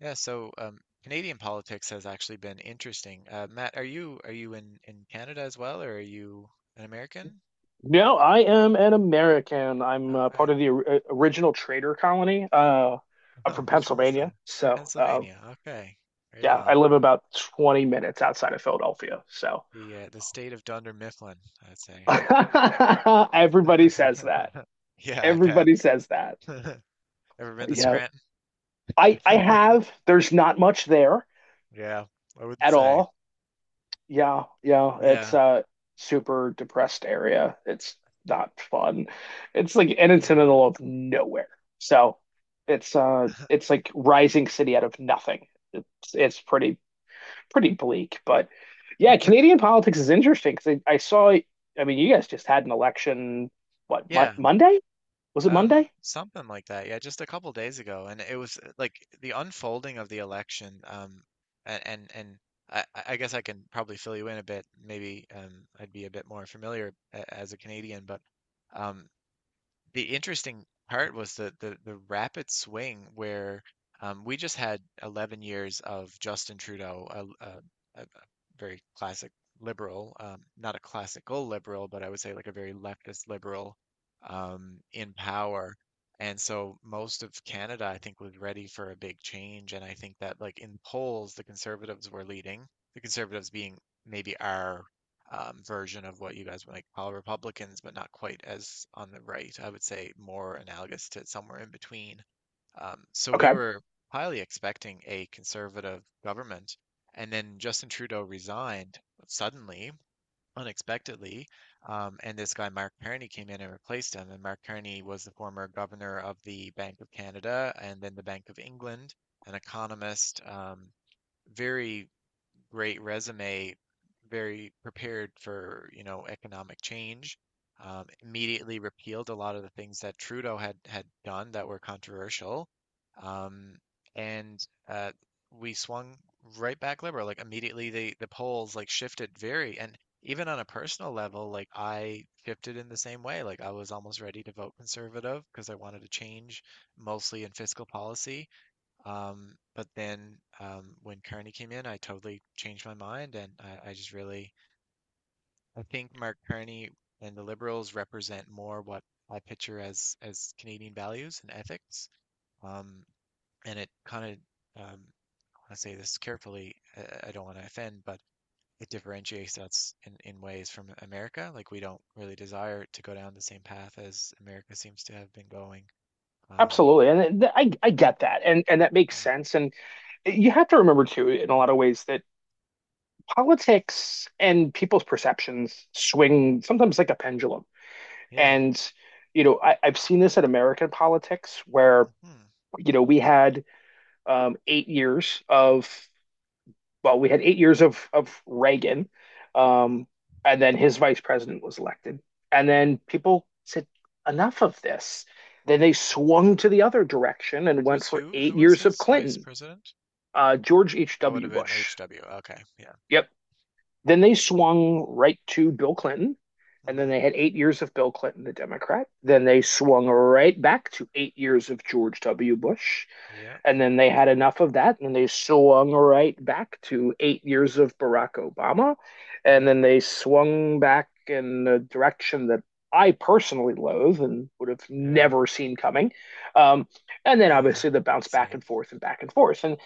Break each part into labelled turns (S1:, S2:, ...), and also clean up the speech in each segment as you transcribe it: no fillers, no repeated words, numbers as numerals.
S1: Canadian politics has actually been interesting. Matt, are you in Canada as well, or are you an American?
S2: No, I am an American. I'm
S1: Okay.
S2: part of the original trader colony. I'm
S1: Oh,
S2: from
S1: which one was that?
S2: Pennsylvania, so
S1: Pennsylvania. Okay, right
S2: yeah, I
S1: on.
S2: live about 20 minutes outside of Philadelphia. So
S1: The state of Dunder Mifflin, I'd say.
S2: everybody says that.
S1: Yeah, I bet.
S2: Everybody says that.
S1: Ever been to
S2: Yeah,
S1: Scranton?
S2: I have. There's not much there
S1: Yeah, I wouldn't
S2: at
S1: say.
S2: all. Yeah, yeah, it's
S1: Yeah,
S2: a super depressed area. It's not fun. It's like and it's in the
S1: yeah,
S2: middle of nowhere. So it's like rising city out of nothing. It's it's pretty bleak, but yeah, Canadian politics is interesting because I saw. I mean you guys just had an election, what,
S1: yeah.
S2: Monday? Was it Monday?
S1: Something like that. Yeah, just a couple days ago, and it was like the unfolding of the election. And I guess I can probably fill you in a bit. Maybe I'd be a bit more familiar as a Canadian, but um, the interesting part was the rapid swing where we just had 11 years of Justin Trudeau, a very classic liberal, not a classical liberal, but I would say like a very leftist liberal in power. And so most of Canada, I think, was ready for a big change. And I think that like in polls, the Conservatives were leading, the Conservatives being maybe our version of what you guys would like call Republicans, but not quite as on the right. I would say more analogous to somewhere in between. So we
S2: Okay,
S1: were highly expecting a conservative government, and then Justin Trudeau resigned suddenly, unexpectedly, and this guy Mark Carney came in and replaced him. And Mark Carney was the former governor of the Bank of Canada and then the Bank of England, an economist, very great resume, very prepared for, you know, economic change. Immediately repealed a lot of the things that Trudeau had done that were controversial, um, and uh, we swung right back liberal. Like immediately, the polls like shifted very, and even on a personal level, like I shifted in the same way. Like I was almost ready to vote conservative because I wanted to change mostly in fiscal policy. But then when Kearney came in, I totally changed my mind, and I just really I think Mark Kearney and the Liberals represent more what I picture as Canadian values and ethics. Um, and it kind of I say this carefully. I don't want to offend, but it differentiates us in ways from America. Like we don't really desire to go down the same path as America seems to have been going. Um,
S2: absolutely. And I get that. And that makes sense, and you have to remember too in a lot of ways that politics and people's perceptions swing sometimes like a pendulum.
S1: yeah.
S2: And, you know, I've seen this in American politics where,
S1: Hmm.
S2: you know, we had 8 years of, well, we had 8 years of Reagan, um, and then his vice president was elected. And then people said, enough of this. Then they swung to the other direction and
S1: Which
S2: went
S1: was
S2: for
S1: who?
S2: eight
S1: Who was
S2: years of
S1: his vice
S2: Clinton.
S1: president?
S2: George
S1: That would
S2: H.W.
S1: have been
S2: Bush.
S1: HW. Okay. Yeah.
S2: Yep. Then they swung right to Bill Clinton. And then
S1: Hmm.
S2: they had 8 years of Bill Clinton, the Democrat. Then they
S1: Yep.
S2: swung right back to 8 years of George W. Bush.
S1: Yep.
S2: And then they had enough of that. And they swung right back to 8 years of Barack Obama. And
S1: Yeah.
S2: then they swung back in a direction that I personally loathe and would have
S1: Yeah.
S2: never seen coming. Um, and then
S1: Yeah.
S2: obviously the bounce back
S1: Same.
S2: and forth and back and forth. And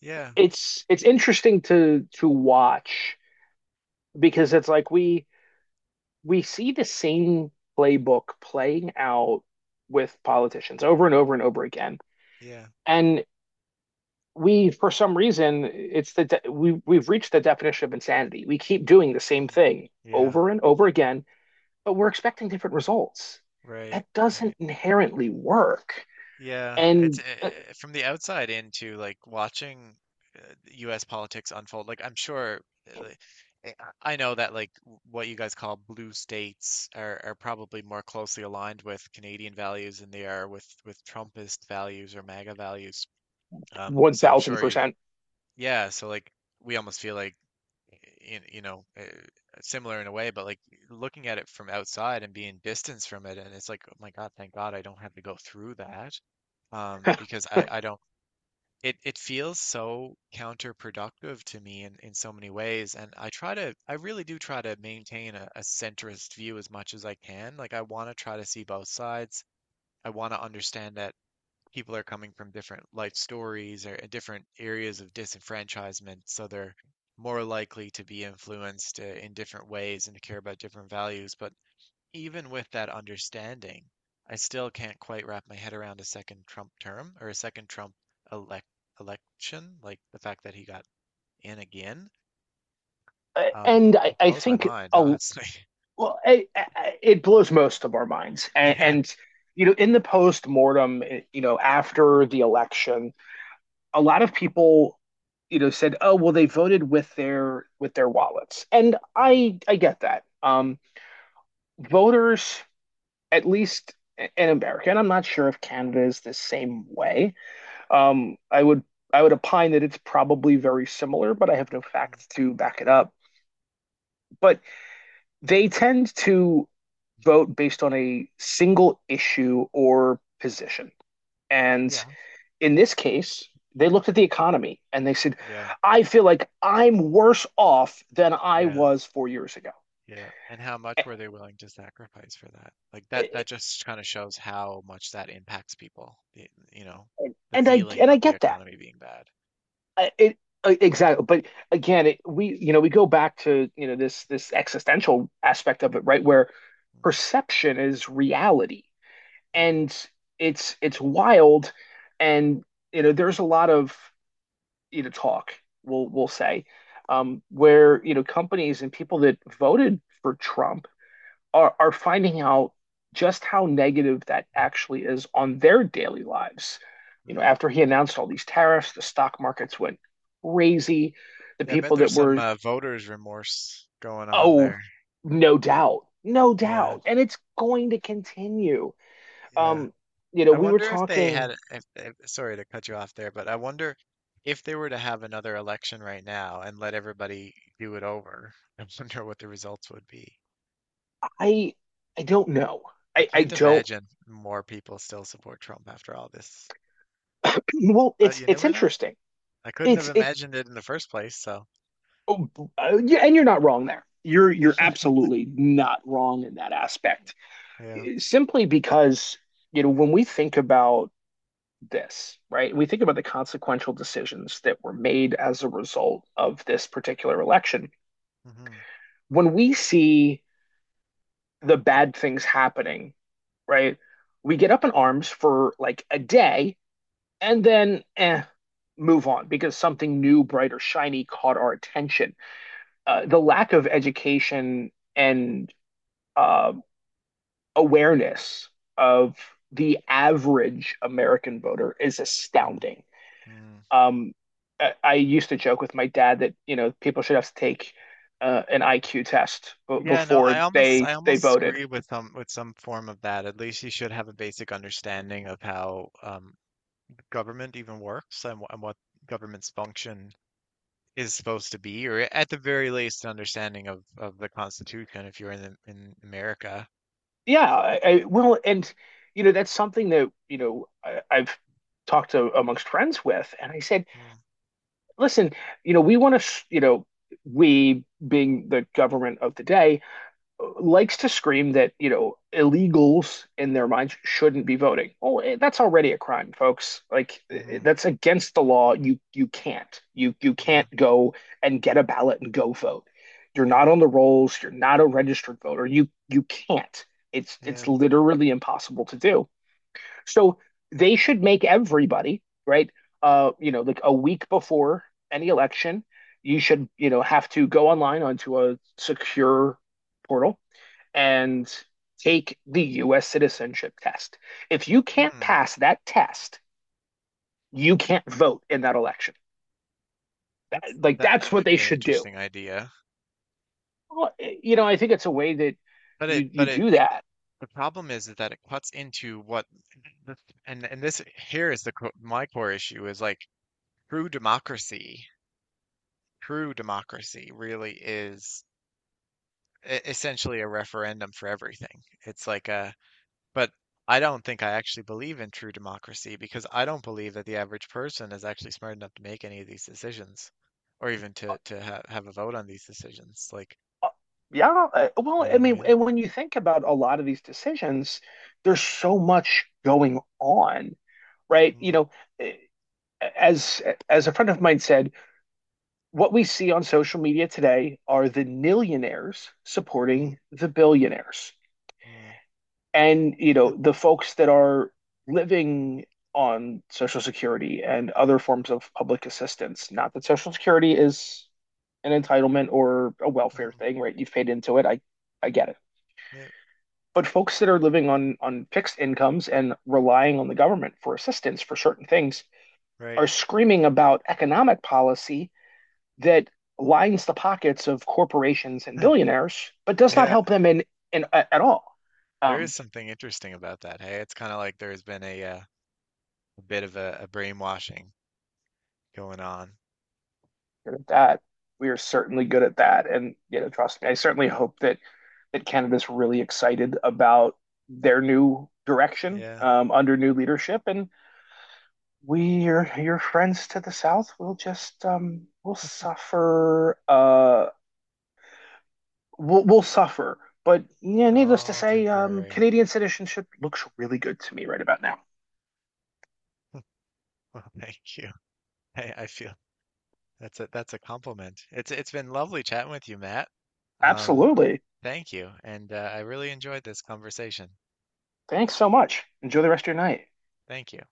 S1: Yeah.
S2: it's interesting to watch because it's like we see the same playbook playing out with politicians over and over and over again.
S1: Yeah.
S2: And we, for some reason, it's we we've reached the definition of insanity. We keep doing the same
S1: Mm.
S2: thing
S1: Yeah.
S2: over and over again, but we're expecting different results.
S1: Right.
S2: That doesn't
S1: Right.
S2: inherently work.
S1: Yeah. It's
S2: And
S1: from the outside into like watching U.S. politics unfold. Like I'm sure. uh, like, eh, I know that like what you guys call blue states are probably more closely aligned with Canadian values than they are with Trumpist values or MAGA values. So I'm sure you,
S2: 1000%.
S1: yeah, so like we almost feel like you know similar in a way, but like looking at it from outside and being distanced from it, and it's like, oh my God, thank God I don't have to go through that. Um, because I, I don't it feels so counterproductive to me in so many ways. And I try to I really do try to maintain a centrist view as much as I can. Like I want to try to see both sides. I want to understand that people are coming from different life stories or different areas of disenfranchisement, so they're more likely to be influenced in different ways and to care about different values. But even with that understanding, I still can't quite wrap my head around a second Trump term or a second Trump elect election, like the fact that he got in again. Um,
S2: And
S1: it blows my mind, honestly.
S2: well, it blows most of our minds.
S1: Yeah.
S2: And you know, in the post mortem, you know, after the election, a lot of people, you know, said, "Oh, well, they voted with their wallets," and
S1: Mm.
S2: I get that. Voters, at least in America, and I'm not sure if Canada is the same way. Um, I would I would opine that it's probably very similar, but I have no
S1: Mm.
S2: facts to back it up. But they tend to vote based on a single issue or position. And
S1: Yeah.
S2: in this case, they looked at the economy and they said,
S1: Yeah.
S2: I feel like I'm worse off than I
S1: Yeah.
S2: was 4 years ago.
S1: Yeah, and how much were they willing to sacrifice for that? Like that that just kind of shows how much that impacts people. The, you know, the
S2: And
S1: feeling
S2: I
S1: of the
S2: get that.
S1: economy being bad.
S2: I- It, exactly. But again, we, you know, we go back to, you know, this existential aspect of it, right? Where
S1: Mm.
S2: perception is reality.
S1: Mm.
S2: And it's wild, and you know there's a lot of, you know, talk, we'll say, where, you know, companies and people that voted for Trump are finding out just how negative that actually is on their daily lives. You know,
S1: Mm.
S2: after he announced all these tariffs, the stock markets went crazy. The
S1: Yeah, I bet
S2: people
S1: there's
S2: that
S1: some
S2: were,
S1: voters' remorse going on
S2: oh,
S1: there.
S2: no doubt, no
S1: Yeah,
S2: doubt. And it's going to continue.
S1: yeah.
S2: Um, you know,
S1: I
S2: we were
S1: wonder if they had
S2: talking.
S1: if sorry to cut you off there, but I wonder if they were to have another election right now and let everybody do it over, I wonder what the results would be.
S2: I I don't know.
S1: I
S2: I
S1: can't
S2: don't.
S1: imagine more people still support Trump after all this.
S2: Well,
S1: But you
S2: it's
S1: never know.
S2: interesting.
S1: I couldn't have
S2: It's it.
S1: imagined it in the first place, so
S2: oh, yeah, and you're not wrong there. You're absolutely not wrong in that aspect.
S1: yeah.
S2: Simply because you know when we think about this, right? We think about the consequential decisions that were made as a result of this particular election.
S1: Hmm.
S2: When we see the bad things happening, right? We get up in arms for like a day and then move on because something new, bright, or shiny caught our attention. The lack of education and uh, awareness of the average American voter is
S1: Mm.
S2: astounding.
S1: Mm.
S2: Um, I used to joke with my dad that you know people should have to take an IQ test b
S1: Yeah, no,
S2: before
S1: I almost I
S2: they
S1: almost
S2: voted.
S1: agree with some form of that. At least you should have a basic understanding of how government even works and, and what government's function is supposed to be, or at the very least, an understanding of the Constitution if you're in the, in America.
S2: Yeah, well, and you know that's something that you know I've talked to amongst friends with, and I said, listen, you know, we want to, you know, we being the government of the day likes to scream that, you know, illegals in their minds shouldn't be voting. Oh, that's already a crime, folks. Like
S1: Mm-hmm.
S2: that's against the law. You can't. You
S1: Yeah,
S2: can't go and get a ballot and go vote. You're not
S1: right.
S2: on the rolls, you're not a registered voter. You can't. It's
S1: Yeah.
S2: literally impossible to do. So they should make everybody, right? You know, like a week before any election, you should, you know, have to go online onto a secure portal and take the US citizenship test. If you can't
S1: Mm.
S2: pass that test, you can't vote in that election.
S1: That's
S2: Like
S1: that that
S2: that's what
S1: might
S2: they
S1: be an
S2: should do.
S1: interesting idea.
S2: Well, you know, I think it's a way that you
S1: But it,
S2: do
S1: it
S2: that.
S1: the problem is that it cuts into what, and this here is the my core issue is like true democracy. True democracy really is essentially a referendum for everything. It's like a, but I don't think I actually believe in true democracy because I don't believe that the average person is actually smart enough to make any of these decisions, or even to ha have a vote on these decisions. Like,
S2: Yeah. Well,
S1: you know
S2: I
S1: what I
S2: mean,
S1: mean?
S2: and when you think about a lot of these decisions, there's so much going on, right? You
S1: Mm.
S2: know, eh, as a friend of mine said, what we see on social media today are the millionaires
S1: Mm.
S2: supporting the billionaires.
S1: Mm.
S2: And, you know, the folks that are living on Social Security and other forms of public assistance. Not that Social Security is an entitlement or a welfare thing, right? You've paid into it. I get it.
S1: Yeah,
S2: But folks that are living on fixed incomes and relying on the government for assistance for certain things,
S1: right.
S2: are screaming about economic policy that lines the pockets of corporations and billionaires, but does not
S1: Yeah.
S2: help them in, at all.
S1: There is
S2: Um,
S1: something interesting about that. Hey, it's kind of like there's been a bit of a brainwashing going on.
S2: that we are certainly good at that, and you know, trust me, I certainly hope that that Canada's really excited about their new direction
S1: Yeah,
S2: under new leadership, and we, your friends to the south, will just will suffer. Will suffer. But yeah,
S1: it's
S2: needless to
S1: all
S2: say,
S1: temporary.
S2: Canadian citizenship looks really good to me right about now.
S1: Well, thank you. Hey, I feel that's a compliment. It's been lovely chatting with you, Matt. Um,
S2: Absolutely.
S1: Thank you, and I really enjoyed this conversation.
S2: Thanks so much. Enjoy the rest of your night.
S1: Thank you.